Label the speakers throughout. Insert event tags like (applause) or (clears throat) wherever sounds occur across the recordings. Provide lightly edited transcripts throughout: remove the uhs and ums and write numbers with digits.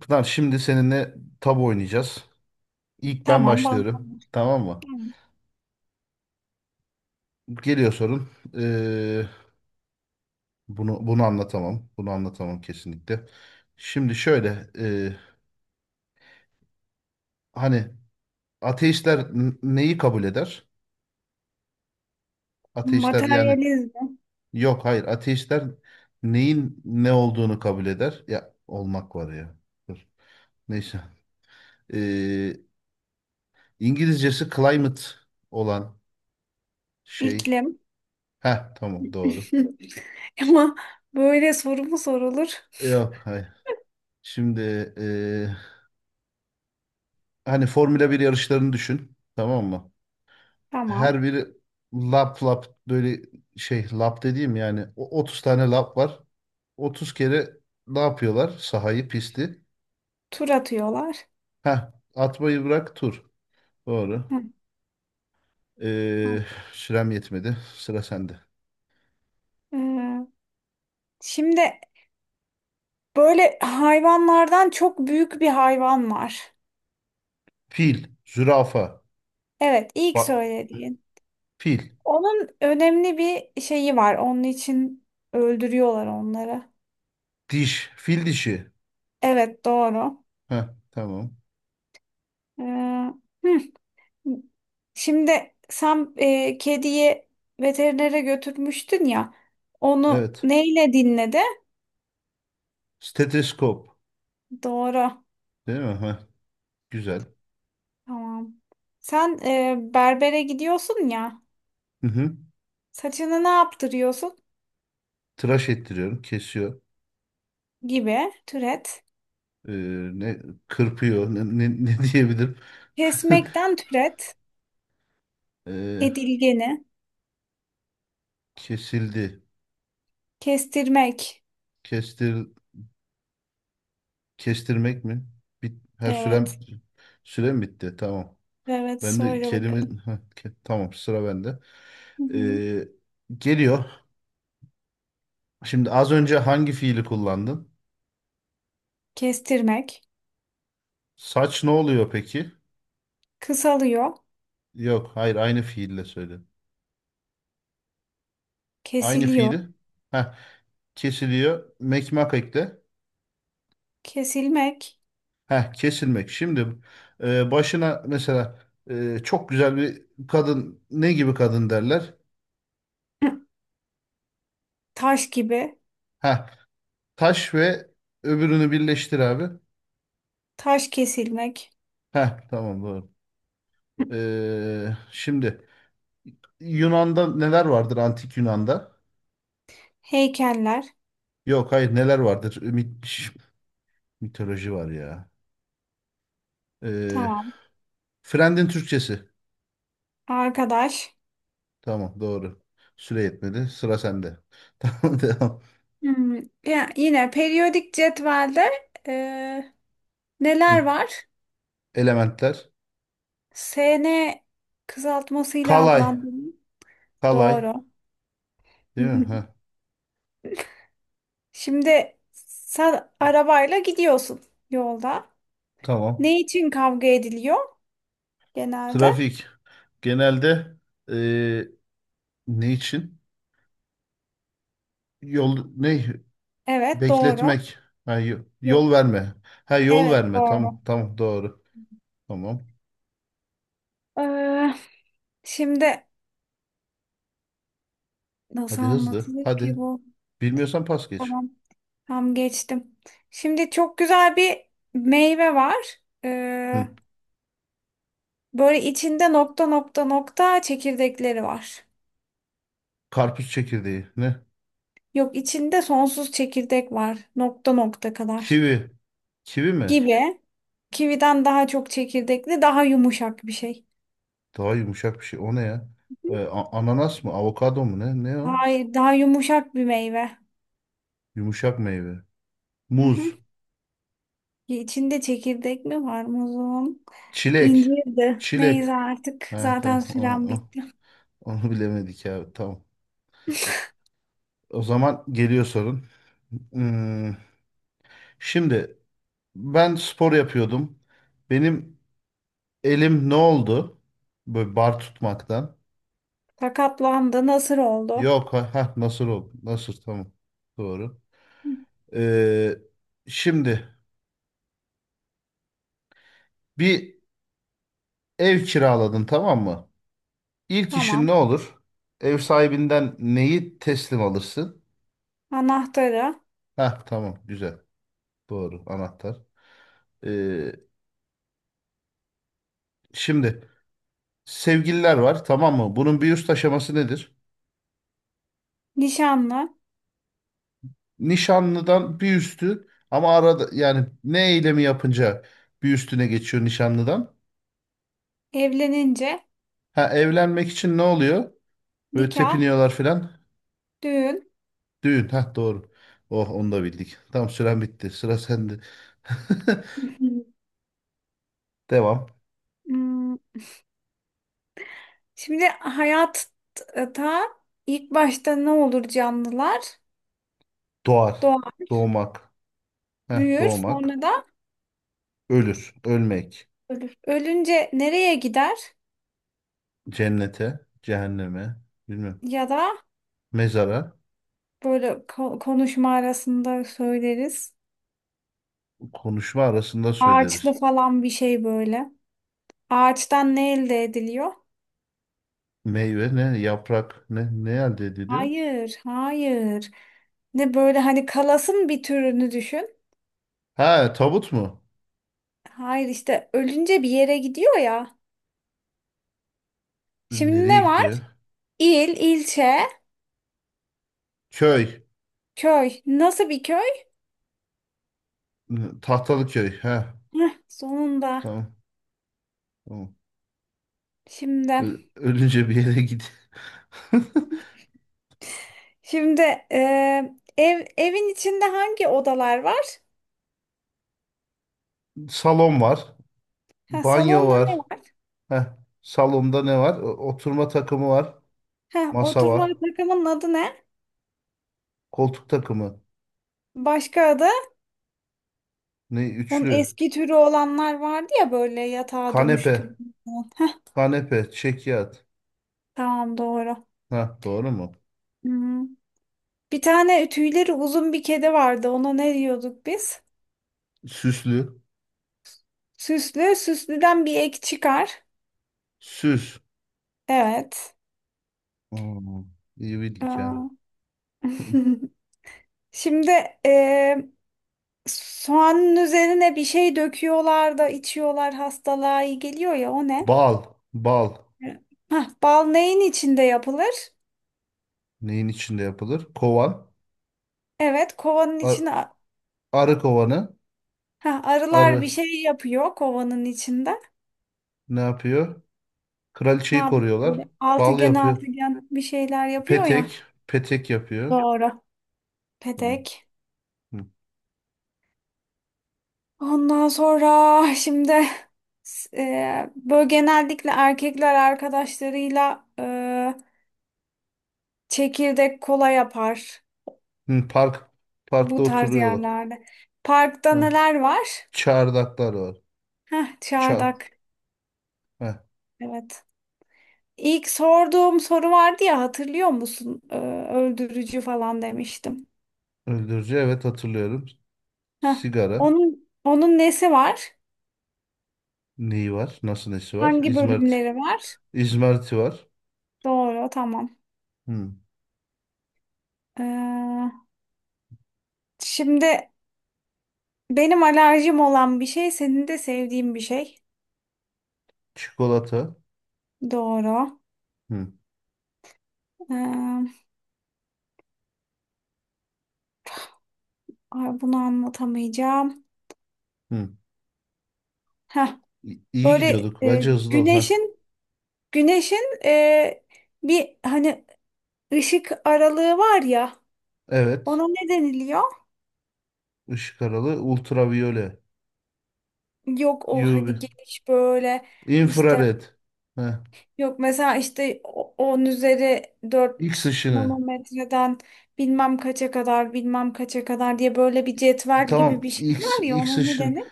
Speaker 1: Tamam, şimdi seninle tabu oynayacağız. İlk ben
Speaker 2: Tamam,
Speaker 1: başlıyorum.
Speaker 2: bağlanmış.
Speaker 1: Tamam mı?
Speaker 2: Tamam.
Speaker 1: Geliyor sorun. Ee, bunu anlatamam. Bunu anlatamam kesinlikle. Şimdi şöyle hani ateistler neyi kabul eder? Ateistler yani
Speaker 2: Materyalizm,
Speaker 1: yok hayır ateistler neyin ne olduğunu kabul eder. Ya olmak var ya. Dur. Neyse. Ee, İngilizcesi climate olan şey.
Speaker 2: iklim.
Speaker 1: Heh, tamam, doğru.
Speaker 2: (laughs) Ama böyle soru mu sorulur?
Speaker 1: Yok hayır. Şimdi e, hani Formula bir yarışlarını düşün. Tamam mı?
Speaker 2: Tamam.
Speaker 1: Her biri lap lap böyle şey, lap dediğim yani 30 tane lap var. 30 kere ne yapıyorlar? Sahayı, pisti.
Speaker 2: Tur atıyorlar.
Speaker 1: Heh, atmayı bırak, tur. Doğru.
Speaker 2: Hı,
Speaker 1: Ee,
Speaker 2: tamam.
Speaker 1: sürem yetmedi. Sıra sende.
Speaker 2: Ee, şimdi böyle hayvanlardan çok büyük bir hayvan var.
Speaker 1: Fil, zürafa,
Speaker 2: Evet, ilk
Speaker 1: bak,
Speaker 2: söylediğin.
Speaker 1: fil,
Speaker 2: Onun önemli bir şeyi var. Onun için öldürüyorlar onları.
Speaker 1: diş, fil dişi.
Speaker 2: Evet, doğru.
Speaker 1: Heh, tamam.
Speaker 2: Ee, hı. Şimdi sen kediyi veterinere götürmüştün ya. Onu
Speaker 1: Evet.
Speaker 2: neyle dinledi?
Speaker 1: Steteskop.
Speaker 2: Doğru.
Speaker 1: Değil mi? Heh, güzel.
Speaker 2: Tamam. Sen berbere gidiyorsun ya.
Speaker 1: Hı hı.
Speaker 2: Saçını ne yaptırıyorsun?
Speaker 1: Tıraş ettiriyorum. Kesiyor.
Speaker 2: Gibi. Türet.
Speaker 1: Ee, ne kırpıyor, ne diyebilirim. (laughs)
Speaker 2: Kesmekten türet.
Speaker 1: Ee,
Speaker 2: Edilgeni.
Speaker 1: kesildi,
Speaker 2: Kestirmek.
Speaker 1: kestir, kestirmek mi, bit, ha,
Speaker 2: Evet.
Speaker 1: sürem, sürem bitti, tamam,
Speaker 2: Evet.
Speaker 1: ben de
Speaker 2: Söyle bakalım.
Speaker 1: kelime. (laughs) Ha, tamam, sıra bende.
Speaker 2: Hı hı.
Speaker 1: Ee, geliyor. Şimdi az önce hangi fiili kullandın?
Speaker 2: Kestirmek.
Speaker 1: Saç ne oluyor peki?
Speaker 2: Kısalıyor.
Speaker 1: Yok hayır, aynı fiille söyle. Aynı
Speaker 2: Kesiliyor.
Speaker 1: fiili. Ha, kesiliyor, mekmak ekle.
Speaker 2: Kesilmek.
Speaker 1: Heh, kesilmek. Şimdi başına mesela çok güzel bir kadın ne gibi kadın derler?
Speaker 2: (clears throat) Taş gibi.
Speaker 1: Heh, taş ve öbürünü birleştir abi.
Speaker 2: Taş kesilmek.
Speaker 1: Heh, tamam doğru. E, şimdi Yunan'da neler vardır, antik Yunan'da?
Speaker 2: Heykeller.
Speaker 1: Yok hayır, neler vardır? Mitoloji var ya. E,
Speaker 2: Tamam.
Speaker 1: Frend'in Türkçesi.
Speaker 2: Arkadaş.
Speaker 1: Tamam doğru. Süre yetmedi. Sıra sende. (laughs) Tamam, devam.
Speaker 2: Hmm, ya yine periyodik cetvelde e, neler
Speaker 1: Hı,
Speaker 2: var?
Speaker 1: elementler.
Speaker 2: SN kısaltmasıyla
Speaker 1: Kalay.
Speaker 2: adlandırılıyor.
Speaker 1: Kalay.
Speaker 2: Doğru.
Speaker 1: Değil mi? Heh,
Speaker 2: (laughs) Şimdi sen arabayla gidiyorsun yolda.
Speaker 1: tamam.
Speaker 2: Ne için kavga ediliyor genelde?
Speaker 1: Trafik, genelde e, ne için? Yol ne?
Speaker 2: Evet, doğru.
Speaker 1: Bekletmek. Ha,
Speaker 2: Yok,
Speaker 1: yol verme. Ha, yol
Speaker 2: evet,
Speaker 1: verme. Tamam
Speaker 2: doğru.
Speaker 1: tamam doğru. Tamam.
Speaker 2: Ee, şimdi nasıl
Speaker 1: Hadi hızlı.
Speaker 2: anlatılır ki
Speaker 1: Hadi.
Speaker 2: bu?
Speaker 1: Bilmiyorsan pas geç.
Speaker 2: Tamam. Tam geçtim. Şimdi çok güzel bir meyve var.
Speaker 1: Hı.
Speaker 2: Böyle içinde nokta nokta nokta çekirdekleri var.
Speaker 1: Karpuz çekirdeği. Ne?
Speaker 2: Yok, içinde sonsuz çekirdek var. Nokta nokta kadar.
Speaker 1: Kivi. Kivi mi?
Speaker 2: Gibi. Kividen daha çok çekirdekli, daha yumuşak bir şey.
Speaker 1: Daha yumuşak bir şey. O ne ya? E, ananas mı? Avokado mu? Ne? Ne o?
Speaker 2: Hayır, daha yumuşak bir meyve.
Speaker 1: Yumuşak meyve.
Speaker 2: Hı hı.
Speaker 1: Muz.
Speaker 2: İçinde çekirdek mi var muzum?
Speaker 1: Çilek.
Speaker 2: İncirdi.
Speaker 1: Çilek.
Speaker 2: Neyse artık.
Speaker 1: Ha
Speaker 2: Zaten
Speaker 1: tamam.
Speaker 2: sürem
Speaker 1: O-
Speaker 2: bitti.
Speaker 1: Onu bilemedik ya. Tamam. O zaman geliyor sorun. Hmm. Şimdi ben spor yapıyordum. Benim elim ne oldu? Böyle bar tutmaktan.
Speaker 2: Sakatlandı. Nasır oldu.
Speaker 1: Yok, ha, nasıl oldu? Nasıl, tamam. Doğru.
Speaker 2: Hı,
Speaker 1: Ee, şimdi bir ev kiraladın, tamam mı? İlk işin ne
Speaker 2: tamam.
Speaker 1: olur? Ev sahibinden neyi teslim alırsın?
Speaker 2: Anahtarı.
Speaker 1: Ha tamam, güzel. Doğru, anahtar. Ee, şimdi sevgililer var, tamam mı? Bunun bir üst aşaması nedir?
Speaker 2: Nişanlı,
Speaker 1: Nişanlıdan bir üstü, ama arada yani ne eylemi yapınca bir üstüne geçiyor nişanlıdan?
Speaker 2: evlenince,
Speaker 1: Ha, evlenmek için ne oluyor? Böyle
Speaker 2: nikah,
Speaker 1: tepiniyorlar filan.
Speaker 2: düğün.
Speaker 1: Düğün. Ha doğru. Oh, onu da bildik. Tamam, süren bitti. Sıra sende. (laughs)
Speaker 2: (laughs)
Speaker 1: Devam.
Speaker 2: Hmm, şimdi hayatta ilk başta ne olur canlılar?
Speaker 1: Doğar.
Speaker 2: Doğar,
Speaker 1: Doğmak. Heh,
Speaker 2: büyür,
Speaker 1: doğmak.
Speaker 2: sonra da
Speaker 1: Ölür. Ölmek.
Speaker 2: ölür. Ölünce nereye gider?
Speaker 1: Cennete. Cehenneme. Bilmem.
Speaker 2: Ya da
Speaker 1: Mezara.
Speaker 2: böyle konuşma arasında söyleriz.
Speaker 1: Konuşma arasında
Speaker 2: Ağaçlı
Speaker 1: söyleriz.
Speaker 2: falan bir şey böyle. Ağaçtan ne elde ediliyor?
Speaker 1: Meyve ne? Yaprak ne? Ne elde ediliyor?
Speaker 2: Hayır, hayır. Ne böyle, hani kalasın bir türünü düşün.
Speaker 1: Ha, tabut mu?
Speaker 2: Hayır, işte ölünce bir yere gidiyor ya. Şimdi
Speaker 1: Nereye
Speaker 2: ne
Speaker 1: gidiyor?
Speaker 2: var? İl, ilçe,
Speaker 1: Köy.
Speaker 2: köy. Nasıl bir köy?
Speaker 1: Tahtalı köy. Ha,
Speaker 2: Heh, sonunda.
Speaker 1: tamam. Tamam.
Speaker 2: Şimdi,
Speaker 1: Ölünce bir yere git. (laughs)
Speaker 2: şimdi evin içinde hangi odalar var?
Speaker 1: Salon var.
Speaker 2: Ha,
Speaker 1: Banyo
Speaker 2: salonda ne
Speaker 1: var.
Speaker 2: var?
Speaker 1: Heh. Salonda ne var? Oturma takımı var.
Speaker 2: Ha,
Speaker 1: Masa
Speaker 2: oturma
Speaker 1: var.
Speaker 2: takımının adı ne?
Speaker 1: Koltuk takımı.
Speaker 2: Başka adı?
Speaker 1: Ne?
Speaker 2: Onun
Speaker 1: Üçlü.
Speaker 2: eski türü olanlar vardı ya, böyle yatağa
Speaker 1: Kanepe.
Speaker 2: dönüştürülen. Heh,
Speaker 1: Kanepe. Çekyat.
Speaker 2: tamam, doğru.
Speaker 1: Ha, doğru mu?
Speaker 2: Hmm. Bir tane tüyleri uzun bir kedi vardı. Ona ne diyorduk biz?
Speaker 1: Süslü.
Speaker 2: Süslü, süslüden bir ek çıkar.
Speaker 1: Süs.
Speaker 2: Evet.
Speaker 1: Hmm, iyi bildik
Speaker 2: Aa.
Speaker 1: ha. (laughs)
Speaker 2: (laughs) Şimdi eee soğanın üzerine bir şey döküyorlar da içiyorlar, hastalığa iyi geliyor ya, o ne?
Speaker 1: Bal. Bal.
Speaker 2: Evet. Hah, bal neyin içinde yapılır?
Speaker 1: Neyin içinde yapılır? Kovan.
Speaker 2: Evet, kovanın
Speaker 1: Ar-
Speaker 2: içine, ha,
Speaker 1: arı kovanı.
Speaker 2: arılar bir
Speaker 1: Arı.
Speaker 2: şey yapıyor kovanın içinde.
Speaker 1: Ne yapıyor?
Speaker 2: Ne
Speaker 1: Kraliçeyi
Speaker 2: yapıyor
Speaker 1: koruyorlar.
Speaker 2: böyle,
Speaker 1: Bal
Speaker 2: altıgen
Speaker 1: yapıyor.
Speaker 2: altıgen bir şeyler yapıyor ya.
Speaker 1: Petek. Petek yapıyor.
Speaker 2: Doğru.
Speaker 1: Tamam.
Speaker 2: Petek.
Speaker 1: Hı.
Speaker 2: Ondan sonra şimdi böyle genellikle erkekler arkadaşlarıyla çekirdek kola yapar.
Speaker 1: Hı, park. Parkta
Speaker 2: Bu tarz
Speaker 1: oturuyorlar.
Speaker 2: yerlerde. Parkta
Speaker 1: Hı.
Speaker 2: neler var?
Speaker 1: Çardaklar var.
Speaker 2: Heh,
Speaker 1: Çar.
Speaker 2: çardak.
Speaker 1: Hı.
Speaker 2: Evet. İlk sorduğum soru vardı ya, hatırlıyor musun? Öldürücü falan demiştim.
Speaker 1: Öldürücü. Evet hatırlıyorum.
Speaker 2: Heh.
Speaker 1: Sigara.
Speaker 2: Onun nesi var?
Speaker 1: Neyi var? Nasıl, nesi var?
Speaker 2: Hangi
Speaker 1: İzmarit.
Speaker 2: bölümleri var?
Speaker 1: İzmariti var.
Speaker 2: Doğru, tamam.
Speaker 1: Hı.
Speaker 2: Ee, şimdi benim alerjim olan bir şey, senin de sevdiğin bir şey.
Speaker 1: Çikolata.
Speaker 2: Doğru.
Speaker 1: Hı.
Speaker 2: Ee, ay, bunu anlatamayacağım.
Speaker 1: Hı.
Speaker 2: Heh.
Speaker 1: İyi
Speaker 2: Böyle
Speaker 1: gidiyorduk. Bence hızlı ol. Ha.
Speaker 2: güneşin bir, hani Işık aralığı var ya,
Speaker 1: Evet.
Speaker 2: ona ne deniliyor?
Speaker 1: Işık aralı. Ultraviyole.
Speaker 2: Yok, o hani
Speaker 1: UV.
Speaker 2: geniş böyle işte,
Speaker 1: Infrared. Hı.
Speaker 2: yok mesela işte 10 üzeri
Speaker 1: X
Speaker 2: 4
Speaker 1: ışını.
Speaker 2: nanometreden bilmem kaça kadar, bilmem kaça kadar diye böyle bir cetvel
Speaker 1: Tamam.
Speaker 2: gibi bir şey
Speaker 1: X,
Speaker 2: var ya,
Speaker 1: X
Speaker 2: ona ne
Speaker 1: ışın.
Speaker 2: denir?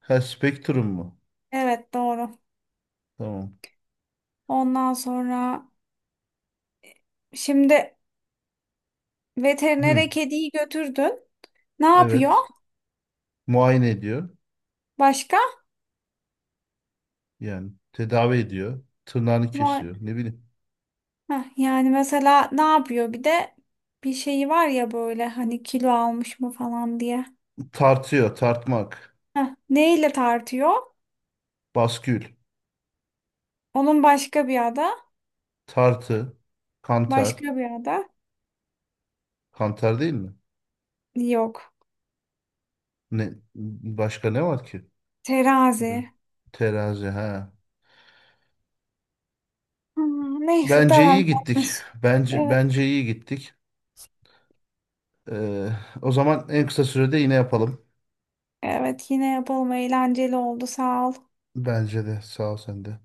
Speaker 1: Ha, spektrum mu?
Speaker 2: Evet, doğru.
Speaker 1: Tamam.
Speaker 2: Ondan sonra şimdi veterinere
Speaker 1: Hı,
Speaker 2: kediyi götürdün. Ne yapıyor?
Speaker 1: evet. Muayene ediyor.
Speaker 2: Başka?
Speaker 1: Yani tedavi ediyor. Tırnağını kesiyor. Ne bileyim.
Speaker 2: Heh, yani mesela ne yapıyor bir de, bir şeyi var ya, böyle hani kilo almış mı falan diye.
Speaker 1: Tartıyor. Tartmak.
Speaker 2: Heh, neyle tartıyor?
Speaker 1: Baskül.
Speaker 2: Onun başka bir ada,
Speaker 1: Tartı. Kantar.
Speaker 2: başka bir ada
Speaker 1: Kantar değil mi?
Speaker 2: yok.
Speaker 1: Ne, başka ne var ki?
Speaker 2: Terazi.
Speaker 1: Hı, terazi. Ha.
Speaker 2: Neyse,
Speaker 1: Bence iyi
Speaker 2: tamam.
Speaker 1: gittik.
Speaker 2: (laughs)
Speaker 1: Bence
Speaker 2: Evet,
Speaker 1: bence iyi gittik. Ee, o zaman en kısa sürede yine yapalım.
Speaker 2: evet, yine yapalım, eğlenceli oldu, sağ ol.
Speaker 1: Bence de. Sağ ol sen de.